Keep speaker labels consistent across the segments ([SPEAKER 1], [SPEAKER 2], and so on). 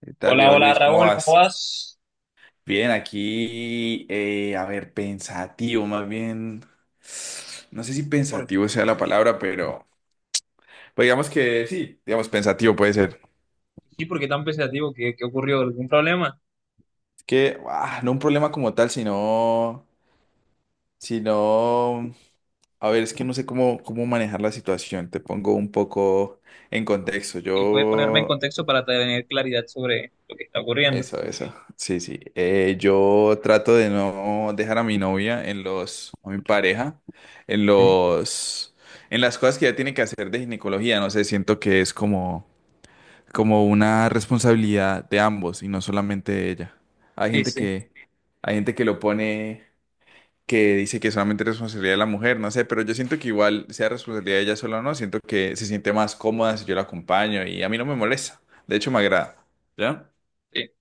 [SPEAKER 1] ¿Qué tal,
[SPEAKER 2] Hola,
[SPEAKER 1] viejo
[SPEAKER 2] hola
[SPEAKER 1] Luis? ¿Cómo
[SPEAKER 2] Raúl, ¿cómo
[SPEAKER 1] vas?
[SPEAKER 2] vas?
[SPEAKER 1] Bien, aquí, a ver, pensativo, más bien, no sé si
[SPEAKER 2] Por-
[SPEAKER 1] pensativo sea la palabra, pero pues digamos que sí, digamos pensativo puede ser.
[SPEAKER 2] sí, ¿por qué tan pensativo? ¿¿Qué ocurrió? ¿Algún problema?
[SPEAKER 1] Es que, no un problema como tal, sino, sino, a ver, es que no sé cómo manejar la situación, te pongo un poco en contexto.
[SPEAKER 2] Y puedes ponerme en
[SPEAKER 1] Yo
[SPEAKER 2] contexto para tener claridad sobre lo que está ocurriendo.
[SPEAKER 1] eso, eso. Sí, sí. Yo trato de no dejar a mi novia en a mi pareja, en
[SPEAKER 2] ¿Mm?
[SPEAKER 1] los, en las cosas que ella tiene que hacer de ginecología. No sé, siento que es como una responsabilidad de ambos y no solamente de ella. Hay
[SPEAKER 2] Sí,
[SPEAKER 1] gente
[SPEAKER 2] sí,
[SPEAKER 1] que, hay gente que lo pone, que dice que solamente es responsabilidad de la mujer, no sé, pero yo siento que igual sea responsabilidad de ella sola o no, siento que se siente más cómoda si yo la acompaño y a mí no me molesta. De hecho, me agrada. ¿Ya?
[SPEAKER 2] sí.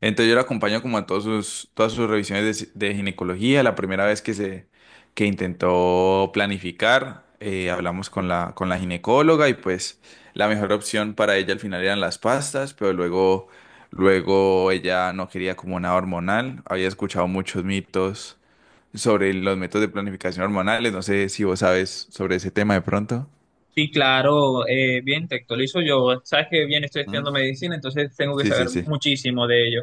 [SPEAKER 1] Entonces yo la acompaño como a todas sus revisiones de ginecología. La primera vez que se que intentó planificar, hablamos con con la ginecóloga y pues la mejor opción para ella al final eran las pastas, pero luego ella no quería como nada hormonal. Había escuchado muchos mitos sobre los métodos de planificación hormonales. No sé si vos sabes sobre ese tema de pronto.
[SPEAKER 2] Sí, claro, bien, te actualizo yo. Sabes que bien estoy
[SPEAKER 1] ¿Mm?
[SPEAKER 2] estudiando medicina, entonces tengo que
[SPEAKER 1] Sí,
[SPEAKER 2] saber
[SPEAKER 1] sí, sí.
[SPEAKER 2] muchísimo de ello.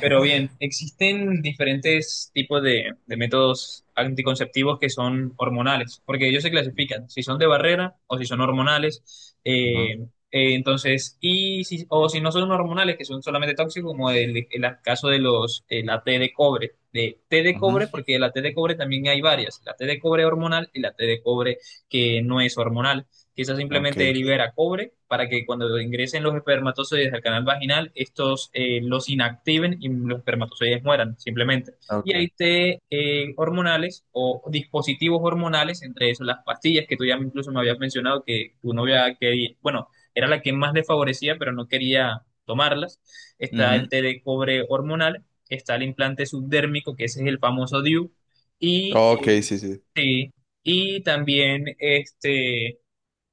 [SPEAKER 2] Pero bien, existen diferentes tipos de métodos anticonceptivos que son hormonales, porque ellos se clasifican si son de barrera o si son hormonales.
[SPEAKER 1] Ujú,
[SPEAKER 2] Entonces, y si, o si no son hormonales, que son solamente tóxicos, como el caso de los, la T de cobre, de T de
[SPEAKER 1] ujú.
[SPEAKER 2] cobre, porque la T de cobre también hay varias, la T de cobre hormonal y la T de cobre que no es hormonal. Quizás
[SPEAKER 1] Ok,
[SPEAKER 2] simplemente libera cobre para que cuando ingresen los espermatozoides al canal vaginal, estos los inactiven y los espermatozoides mueran, simplemente. Y hay
[SPEAKER 1] ok.
[SPEAKER 2] té hormonales o dispositivos hormonales, entre eso las pastillas que tú ya incluso me habías mencionado que tu novia quería, bueno, era la que más le favorecía, pero no quería tomarlas. Está el
[SPEAKER 1] Ujú.
[SPEAKER 2] té de cobre hormonal, está el implante subdérmico, que ese es el famoso DIU, y,
[SPEAKER 1] Ok,
[SPEAKER 2] eh,
[SPEAKER 1] sí, sí.
[SPEAKER 2] sí, y también este,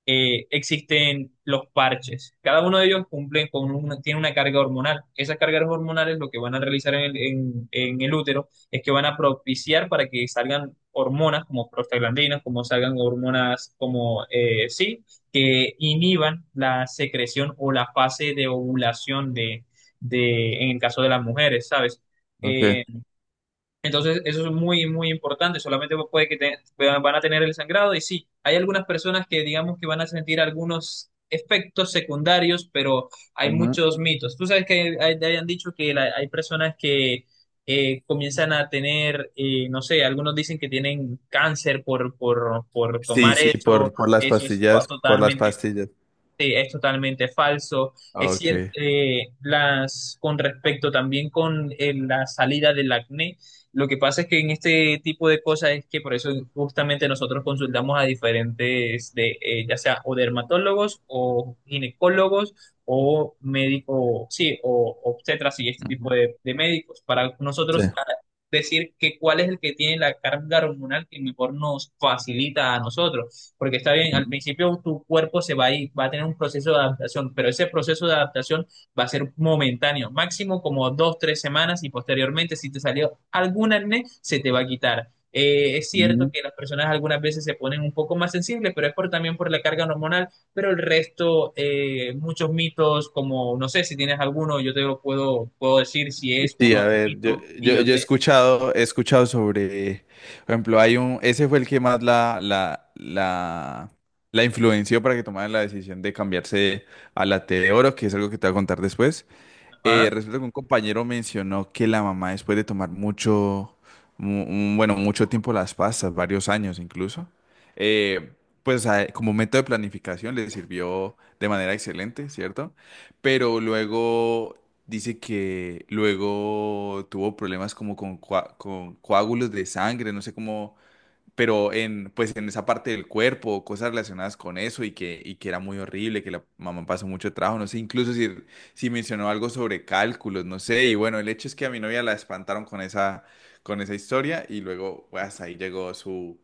[SPEAKER 2] existen los parches. Cada uno de ellos cumple con una, tiene una carga hormonal. Esas cargas hormonales lo que van a realizar en el, en el útero es que van a propiciar para que salgan hormonas como prostaglandinas, como salgan hormonas como que inhiban la secreción o la fase de ovulación en el caso de las mujeres, ¿sabes? Eh,
[SPEAKER 1] Ok.
[SPEAKER 2] entonces, eso es muy, muy importante. Solamente puede que van a tener el sangrado. Y sí, hay algunas personas que digamos que van a sentir algunos efectos secundarios, pero hay
[SPEAKER 1] Ujú.
[SPEAKER 2] muchos mitos. Tú sabes que hay, te hayan dicho que hay personas que comienzan a tener, no sé, algunos dicen que tienen cáncer por
[SPEAKER 1] Sí,
[SPEAKER 2] tomar
[SPEAKER 1] sí,
[SPEAKER 2] eso.
[SPEAKER 1] por las
[SPEAKER 2] Eso es fa-
[SPEAKER 1] pastillas, por las
[SPEAKER 2] totalmente
[SPEAKER 1] pastillas.
[SPEAKER 2] Sí, es totalmente falso.
[SPEAKER 1] Ah,
[SPEAKER 2] Es cierto,
[SPEAKER 1] ok.
[SPEAKER 2] las, con respecto también con la salida del acné, lo que pasa es que en este tipo de cosas es que por eso justamente nosotros consultamos a diferentes, ya sea o dermatólogos o ginecólogos o médico, sí, o obstetras y este tipo
[SPEAKER 1] Ujú.
[SPEAKER 2] de médicos, para
[SPEAKER 1] Sí.
[SPEAKER 2] nosotros decir que cuál es el que tiene la carga hormonal que mejor nos facilita a nosotros. Porque está bien, al
[SPEAKER 1] Ujú.
[SPEAKER 2] principio tu cuerpo se va a ir, va a tener un proceso de adaptación, pero ese proceso de adaptación va a ser momentáneo, máximo como dos, tres semanas y posteriormente si te salió algún acné, se te va a quitar. Es cierto
[SPEAKER 1] Ujú.
[SPEAKER 2] que las personas algunas veces se ponen un poco más sensibles, pero es por, también por la carga hormonal, pero el resto, muchos mitos como, no sé si tienes alguno, yo te lo puedo, puedo decir si es o
[SPEAKER 1] Sí,
[SPEAKER 2] no
[SPEAKER 1] a
[SPEAKER 2] es
[SPEAKER 1] ver,
[SPEAKER 2] mito y yo
[SPEAKER 1] yo he
[SPEAKER 2] te...
[SPEAKER 1] he escuchado sobre, por ejemplo, hay un, ese fue el que más la influenció para que tomara la decisión de cambiarse a la T de oro, que es algo que te voy a contar después.
[SPEAKER 2] Ah,
[SPEAKER 1] Resulta que un compañero mencionó que la mamá, después de tomar bueno, mucho tiempo las pastas, varios años incluso, eh, pues a- como método de planificación le sirvió de manera excelente, ¿cierto? Pero luego dice que luego tuvo problemas como con coágulos de sangre, no sé cómo, pero en, pues en esa parte del cuerpo, cosas relacionadas con eso y y que era muy horrible, que la mamá pasó mucho trabajo, no sé, incluso si mencionó algo sobre cálculos, no sé, y bueno, el hecho es que a mi novia la espantaron con con esa historia y luego pues, hasta ahí llegó su,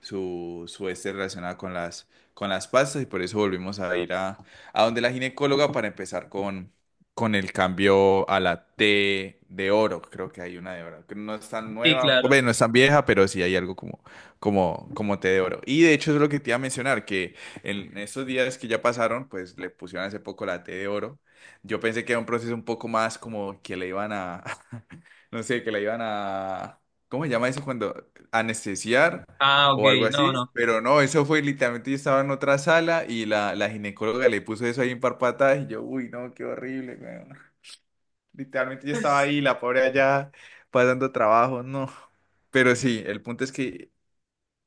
[SPEAKER 1] su, su este relacionado con con las pastas y por eso volvimos a ir a donde la ginecóloga para empezar con el cambio a la T de oro, creo que hay una de oro, que no es tan
[SPEAKER 2] sí,
[SPEAKER 1] nueva,
[SPEAKER 2] claro.
[SPEAKER 1] bueno, no es tan vieja, pero sí hay algo como té de oro. Y de hecho, eso es lo que te iba a mencionar, que en estos días que ya pasaron, pues le pusieron hace poco la té de oro. Yo pensé que era un proceso un poco más como que le iban a, no sé, que le iban a, ¿cómo se llama eso cuando? Anestesiar
[SPEAKER 2] Ah, ok,
[SPEAKER 1] o algo
[SPEAKER 2] no,
[SPEAKER 1] así.
[SPEAKER 2] no.
[SPEAKER 1] Pero no, eso fue literalmente, yo estaba en otra sala y la ginecóloga le puso eso ahí en patadas y yo, uy, no, qué horrible, weón". Literalmente yo estaba ahí, la pobre allá, pasando trabajo, no. Pero sí, el punto es que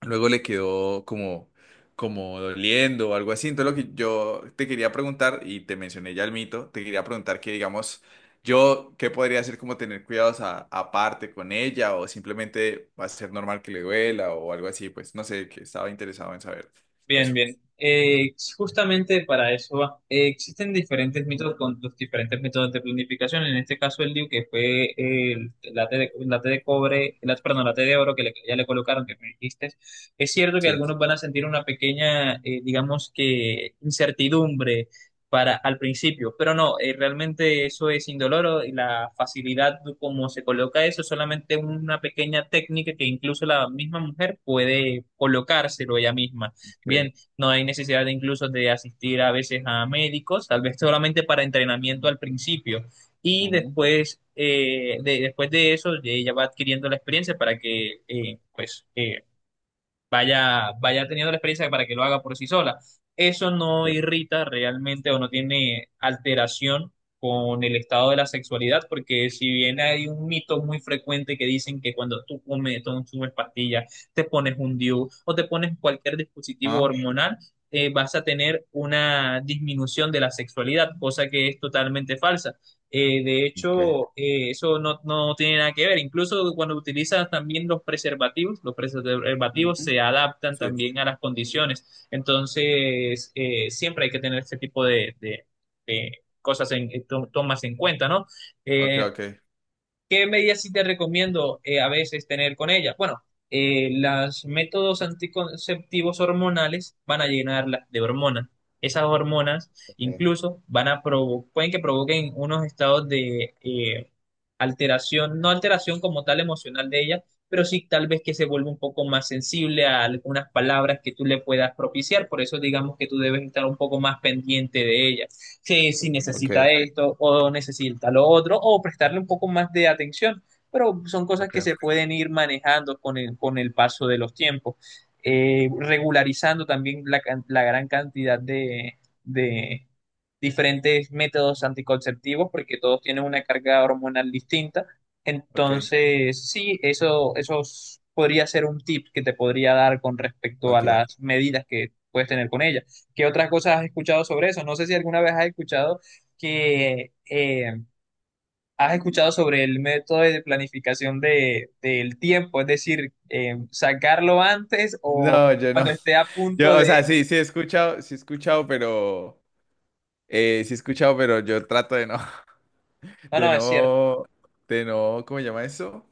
[SPEAKER 1] luego le quedó como, como doliendo o algo así. Entonces lo que yo te quería preguntar, y te mencioné ya el mito, te quería preguntar que digamos, yo, ¿qué podría hacer como tener cuidados a- aparte con ella o simplemente va a ser normal que le duela o algo así? Pues no sé, que estaba interesado en saber
[SPEAKER 2] Bien,
[SPEAKER 1] eso.
[SPEAKER 2] bien. Justamente para eso va. Existen diferentes métodos con los diferentes métodos de planificación. En este caso, el DIU, que fue la T la T de cobre, la, perdón, la T de oro que ya le colocaron, que me dijiste. Es cierto que
[SPEAKER 1] Sí,
[SPEAKER 2] algunos van a sentir una pequeña, digamos que, incertidumbre para, al principio, pero no, realmente eso es indoloro y la facilidad como se coloca eso es solamente una pequeña técnica que incluso la misma mujer puede colocárselo ella misma.
[SPEAKER 1] ok.
[SPEAKER 2] Bien, no hay necesidad de incluso de asistir a veces a médicos, tal vez solamente para entrenamiento al principio. Y
[SPEAKER 1] Ujú,
[SPEAKER 2] después, después de eso, ella va adquiriendo la experiencia para que vaya teniendo la experiencia para que lo haga por sí sola. Eso no
[SPEAKER 1] ok,
[SPEAKER 2] irrita realmente o no tiene alteración con el estado de la sexualidad, porque si bien hay un mito muy frecuente que dicen que cuando tú comes, tú consumes pastillas, te pones un DIU o te pones cualquier dispositivo
[SPEAKER 1] ¿ah?
[SPEAKER 2] hormonal, vas a tener una disminución de la sexualidad, cosa que es totalmente falsa. De
[SPEAKER 1] Ok,
[SPEAKER 2] hecho, eso no, no tiene nada que ver. Incluso cuando utilizas también los preservativos
[SPEAKER 1] ujú.
[SPEAKER 2] se adaptan
[SPEAKER 1] Sí.
[SPEAKER 2] también a las condiciones. Entonces, siempre hay que tener este tipo de cosas en, tomas en cuenta, ¿no?
[SPEAKER 1] Ok,
[SPEAKER 2] Eh,
[SPEAKER 1] ok,
[SPEAKER 2] ¿Qué medidas sí te recomiendo a veces tener con ella? Bueno, los métodos anticonceptivos hormonales van a llenarla de hormonas. Esas hormonas
[SPEAKER 1] ok,
[SPEAKER 2] incluso van a pueden que provoquen unos estados de alteración, no alteración como tal emocional de ella, pero sí tal vez que se vuelva un poco más sensible a algunas palabras que tú le puedas propiciar. Por eso digamos que tú debes estar un poco más pendiente de ella si, si necesita
[SPEAKER 1] ok,
[SPEAKER 2] esto o necesita lo otro, o prestarle un poco más de atención. Pero son cosas que
[SPEAKER 1] ok,
[SPEAKER 2] se pueden ir manejando con el paso de los tiempos. Regularizando también la, la gran cantidad de diferentes métodos anticonceptivos, porque todos tienen una carga hormonal distinta.
[SPEAKER 1] ok.
[SPEAKER 2] Entonces, sí, eso, podría ser un tip que te podría dar con respecto a
[SPEAKER 1] Ok.
[SPEAKER 2] las medidas que puedes tener con ella. ¿Qué otras cosas has escuchado sobre eso? No sé si alguna vez has escuchado que has escuchado sobre el método de planificación del tiempo, es decir, sacarlo antes o
[SPEAKER 1] No, yo no.
[SPEAKER 2] cuando esté a punto
[SPEAKER 1] Yo, o sea,
[SPEAKER 2] de...
[SPEAKER 1] sí, sí he escuchado, pero... sí he escuchado, pero yo trato de no,
[SPEAKER 2] No,
[SPEAKER 1] de
[SPEAKER 2] no, es cierto,
[SPEAKER 1] no, de no, ¿cómo se llama eso?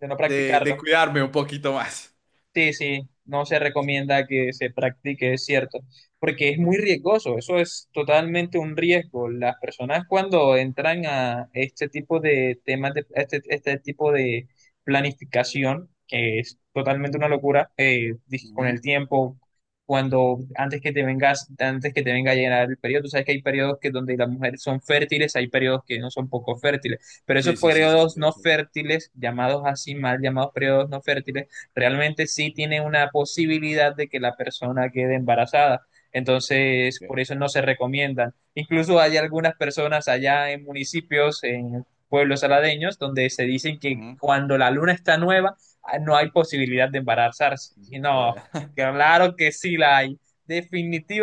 [SPEAKER 2] de no practicarlo.
[SPEAKER 1] De cuidarme un poquito más.
[SPEAKER 2] Sí, sí, no se recomienda que se practique, es cierto, porque es muy riesgoso, eso es totalmente un riesgo. Las personas cuando entran a este tipo de temas, a este, este tipo de planificación, que es totalmente una locura, con
[SPEAKER 1] Ujú.
[SPEAKER 2] el tiempo, cuando antes que te vengas, antes que te venga a llegar el periodo, tú sabes que hay periodos que donde las mujeres son fértiles, hay periodos que no son poco fértiles, pero esos
[SPEAKER 1] Sí, sí, sí, sí.
[SPEAKER 2] periodos no
[SPEAKER 1] De eso.
[SPEAKER 2] fértiles, llamados así, mal llamados periodos no fértiles, realmente sí tiene una posibilidad de que la persona quede embarazada. Entonces,
[SPEAKER 1] Bien.
[SPEAKER 2] por eso no se recomiendan. Incluso hay algunas personas allá en municipios, en pueblos aladeños, donde se dicen que
[SPEAKER 1] Ujú.
[SPEAKER 2] cuando la luna está nueva, ah, no hay posibilidad de embarazarse. Y no,
[SPEAKER 1] Vea.
[SPEAKER 2] claro que sí la hay.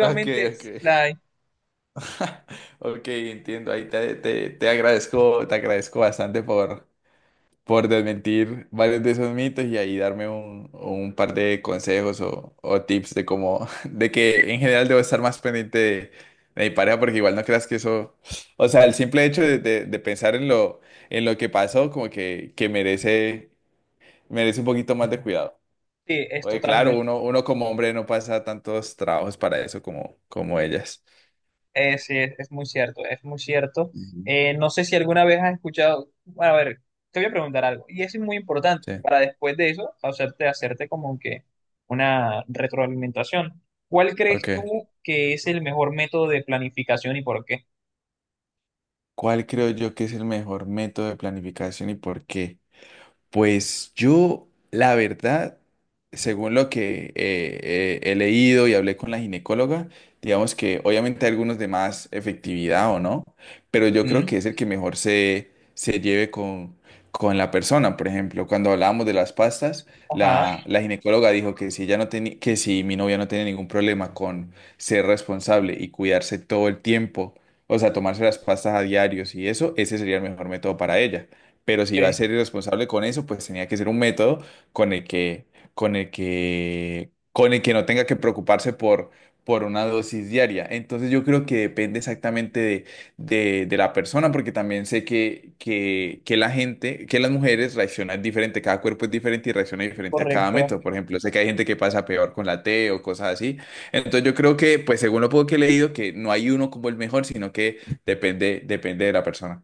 [SPEAKER 1] Ok, ok.
[SPEAKER 2] sí la hay.
[SPEAKER 1] Ok, entiendo. Ahí te agradezco bastante por desmentir varios de esos mitos y ahí darme un par de consejos o tips de cómo, de que en general debo estar más pendiente de mi pareja, porque igual no creas que eso, o sea, el simple hecho de pensar en lo que pasó, como que merece, merece un poquito más de cuidado.
[SPEAKER 2] Sí, es
[SPEAKER 1] Oye, claro,
[SPEAKER 2] totalmente
[SPEAKER 1] uno como hombre no pasa tantos trabajos para eso como, como ellas.
[SPEAKER 2] Sí, es muy cierto, es muy cierto.
[SPEAKER 1] Ujú.
[SPEAKER 2] No sé si alguna vez has escuchado, bueno, a ver, te voy a preguntar algo, y eso es muy importante
[SPEAKER 1] Sí,
[SPEAKER 2] para después de eso hacerte, hacerte como que una retroalimentación. ¿Cuál crees
[SPEAKER 1] ok.
[SPEAKER 2] tú que es el mejor método de planificación y por qué?
[SPEAKER 1] ¿Cuál creo yo que es el mejor método de planificación y por qué? Pues yo, la verdad, según lo que he leído y hablé con la ginecóloga, digamos que obviamente hay algunos de más efectividad o no, pero yo creo
[SPEAKER 2] Mm.
[SPEAKER 1] que es el que mejor se lleve con la persona. Por ejemplo, cuando hablábamos de las pastas,
[SPEAKER 2] Ajá,
[SPEAKER 1] la ginecóloga dijo que si ella no tenía, que si mi novia no tiene ningún problema con ser responsable y cuidarse todo el tiempo, o sea, tomarse las pastas a diarios y eso, ese sería el mejor método para ella. Pero si iba a
[SPEAKER 2] sí,
[SPEAKER 1] ser irresponsable con eso, pues tenía que ser un método con el que, con el que no tenga que preocuparse por una dosis diaria. Entonces yo creo que depende exactamente de la persona, porque también sé que la gente, que las mujeres reaccionan diferente, cada cuerpo es diferente y reacciona diferente a cada
[SPEAKER 2] correcto.
[SPEAKER 1] método. Por ejemplo, sé que hay gente que pasa peor con la T o cosas así. Entonces yo creo que, pues según lo poco que he leído, que no hay uno como el mejor, sino que depende, depende de la persona.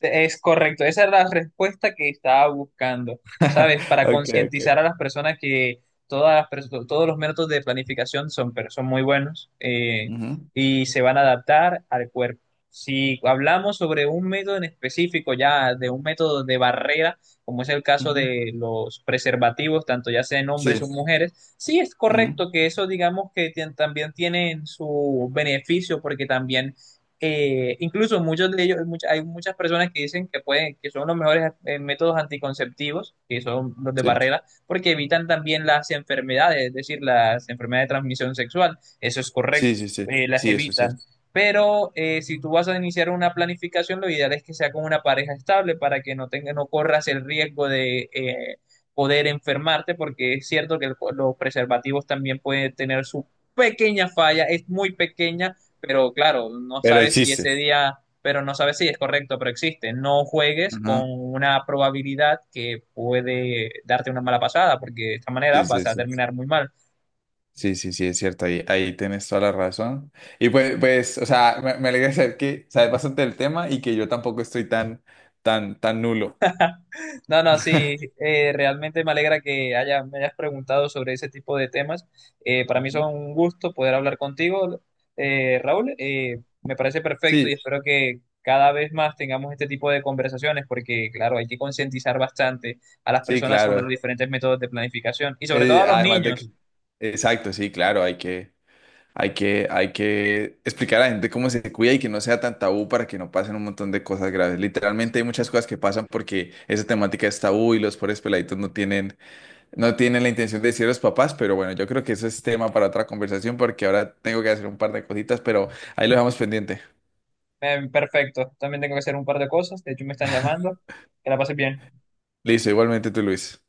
[SPEAKER 2] Es correcto, esa era la respuesta que estaba buscando, ¿sabes? Para
[SPEAKER 1] Ok,
[SPEAKER 2] concientizar
[SPEAKER 1] ok.
[SPEAKER 2] a las personas que todas todos los métodos de planificación son, pero son muy buenos
[SPEAKER 1] Ujú,
[SPEAKER 2] y se van a adaptar al cuerpo. Si hablamos sobre un método en específico, ya de un método de barrera, como es el caso
[SPEAKER 1] ujú.
[SPEAKER 2] de los preservativos, tanto ya sean hombres o
[SPEAKER 1] Sí,
[SPEAKER 2] mujeres, sí es
[SPEAKER 1] ujú,
[SPEAKER 2] correcto que eso digamos que también tienen su beneficio porque también incluso muchos de ellos, hay muchas personas que dicen que pueden, que son los mejores métodos anticonceptivos, que son los de
[SPEAKER 1] sí,
[SPEAKER 2] barrera, porque evitan también las enfermedades, es decir, las enfermedades de transmisión sexual. Eso es correcto,
[SPEAKER 1] sí, sí, sí,
[SPEAKER 2] las
[SPEAKER 1] sí, eso es
[SPEAKER 2] evitan.
[SPEAKER 1] cierto.
[SPEAKER 2] Pero si tú vas a iniciar una planificación, lo ideal es que sea con una pareja estable para que no tenga, no corras el riesgo de poder enfermarte, porque es cierto que los preservativos también pueden tener su pequeña falla, es muy pequeña pero claro, no
[SPEAKER 1] Pero
[SPEAKER 2] sabes si ese
[SPEAKER 1] existe.
[SPEAKER 2] día, pero no sabes si es correcto, pero existe. No juegues con
[SPEAKER 1] Ajá.
[SPEAKER 2] una probabilidad que puede darte una mala pasada, porque de esta manera
[SPEAKER 1] Sí, sí,
[SPEAKER 2] vas a
[SPEAKER 1] sí.
[SPEAKER 2] terminar muy mal.
[SPEAKER 1] Sí, sí, sí, es cierto, ahí, ahí tienes toda la razón. Y pues, pues, o sea, me alegra saber que sabes bastante del tema y que yo tampoco estoy tan, tan, tan nulo.
[SPEAKER 2] No, no, sí, realmente me alegra que haya, me hayas preguntado sobre ese tipo de temas. Para mí
[SPEAKER 1] Ujú.
[SPEAKER 2] son un gusto poder hablar contigo, Raúl. Me parece perfecto y
[SPEAKER 1] Sí,
[SPEAKER 2] espero que cada vez más tengamos este tipo de conversaciones porque, claro, hay que concientizar bastante a las
[SPEAKER 1] sí,
[SPEAKER 2] personas sobre los
[SPEAKER 1] claro.
[SPEAKER 2] diferentes métodos de planificación y sobre todo a los
[SPEAKER 1] Además de que,
[SPEAKER 2] niños.
[SPEAKER 1] exacto, sí, claro, hay que... Hay que, hay que explicar a la gente cómo se cuida y que no sea tan tabú para que no pasen un montón de cosas graves. Literalmente hay muchas cosas que pasan porque esa temática es tabú y los pobres peladitos no tienen, no tienen la intención de decir a los papás, pero bueno, yo creo que eso es tema para otra conversación porque ahora tengo que hacer un par de cositas, pero ahí lo dejamos pendiente.
[SPEAKER 2] Perfecto, también tengo que hacer un par de cosas, de hecho me están llamando. Que la pases bien.
[SPEAKER 1] Listo, igualmente tú, Luis.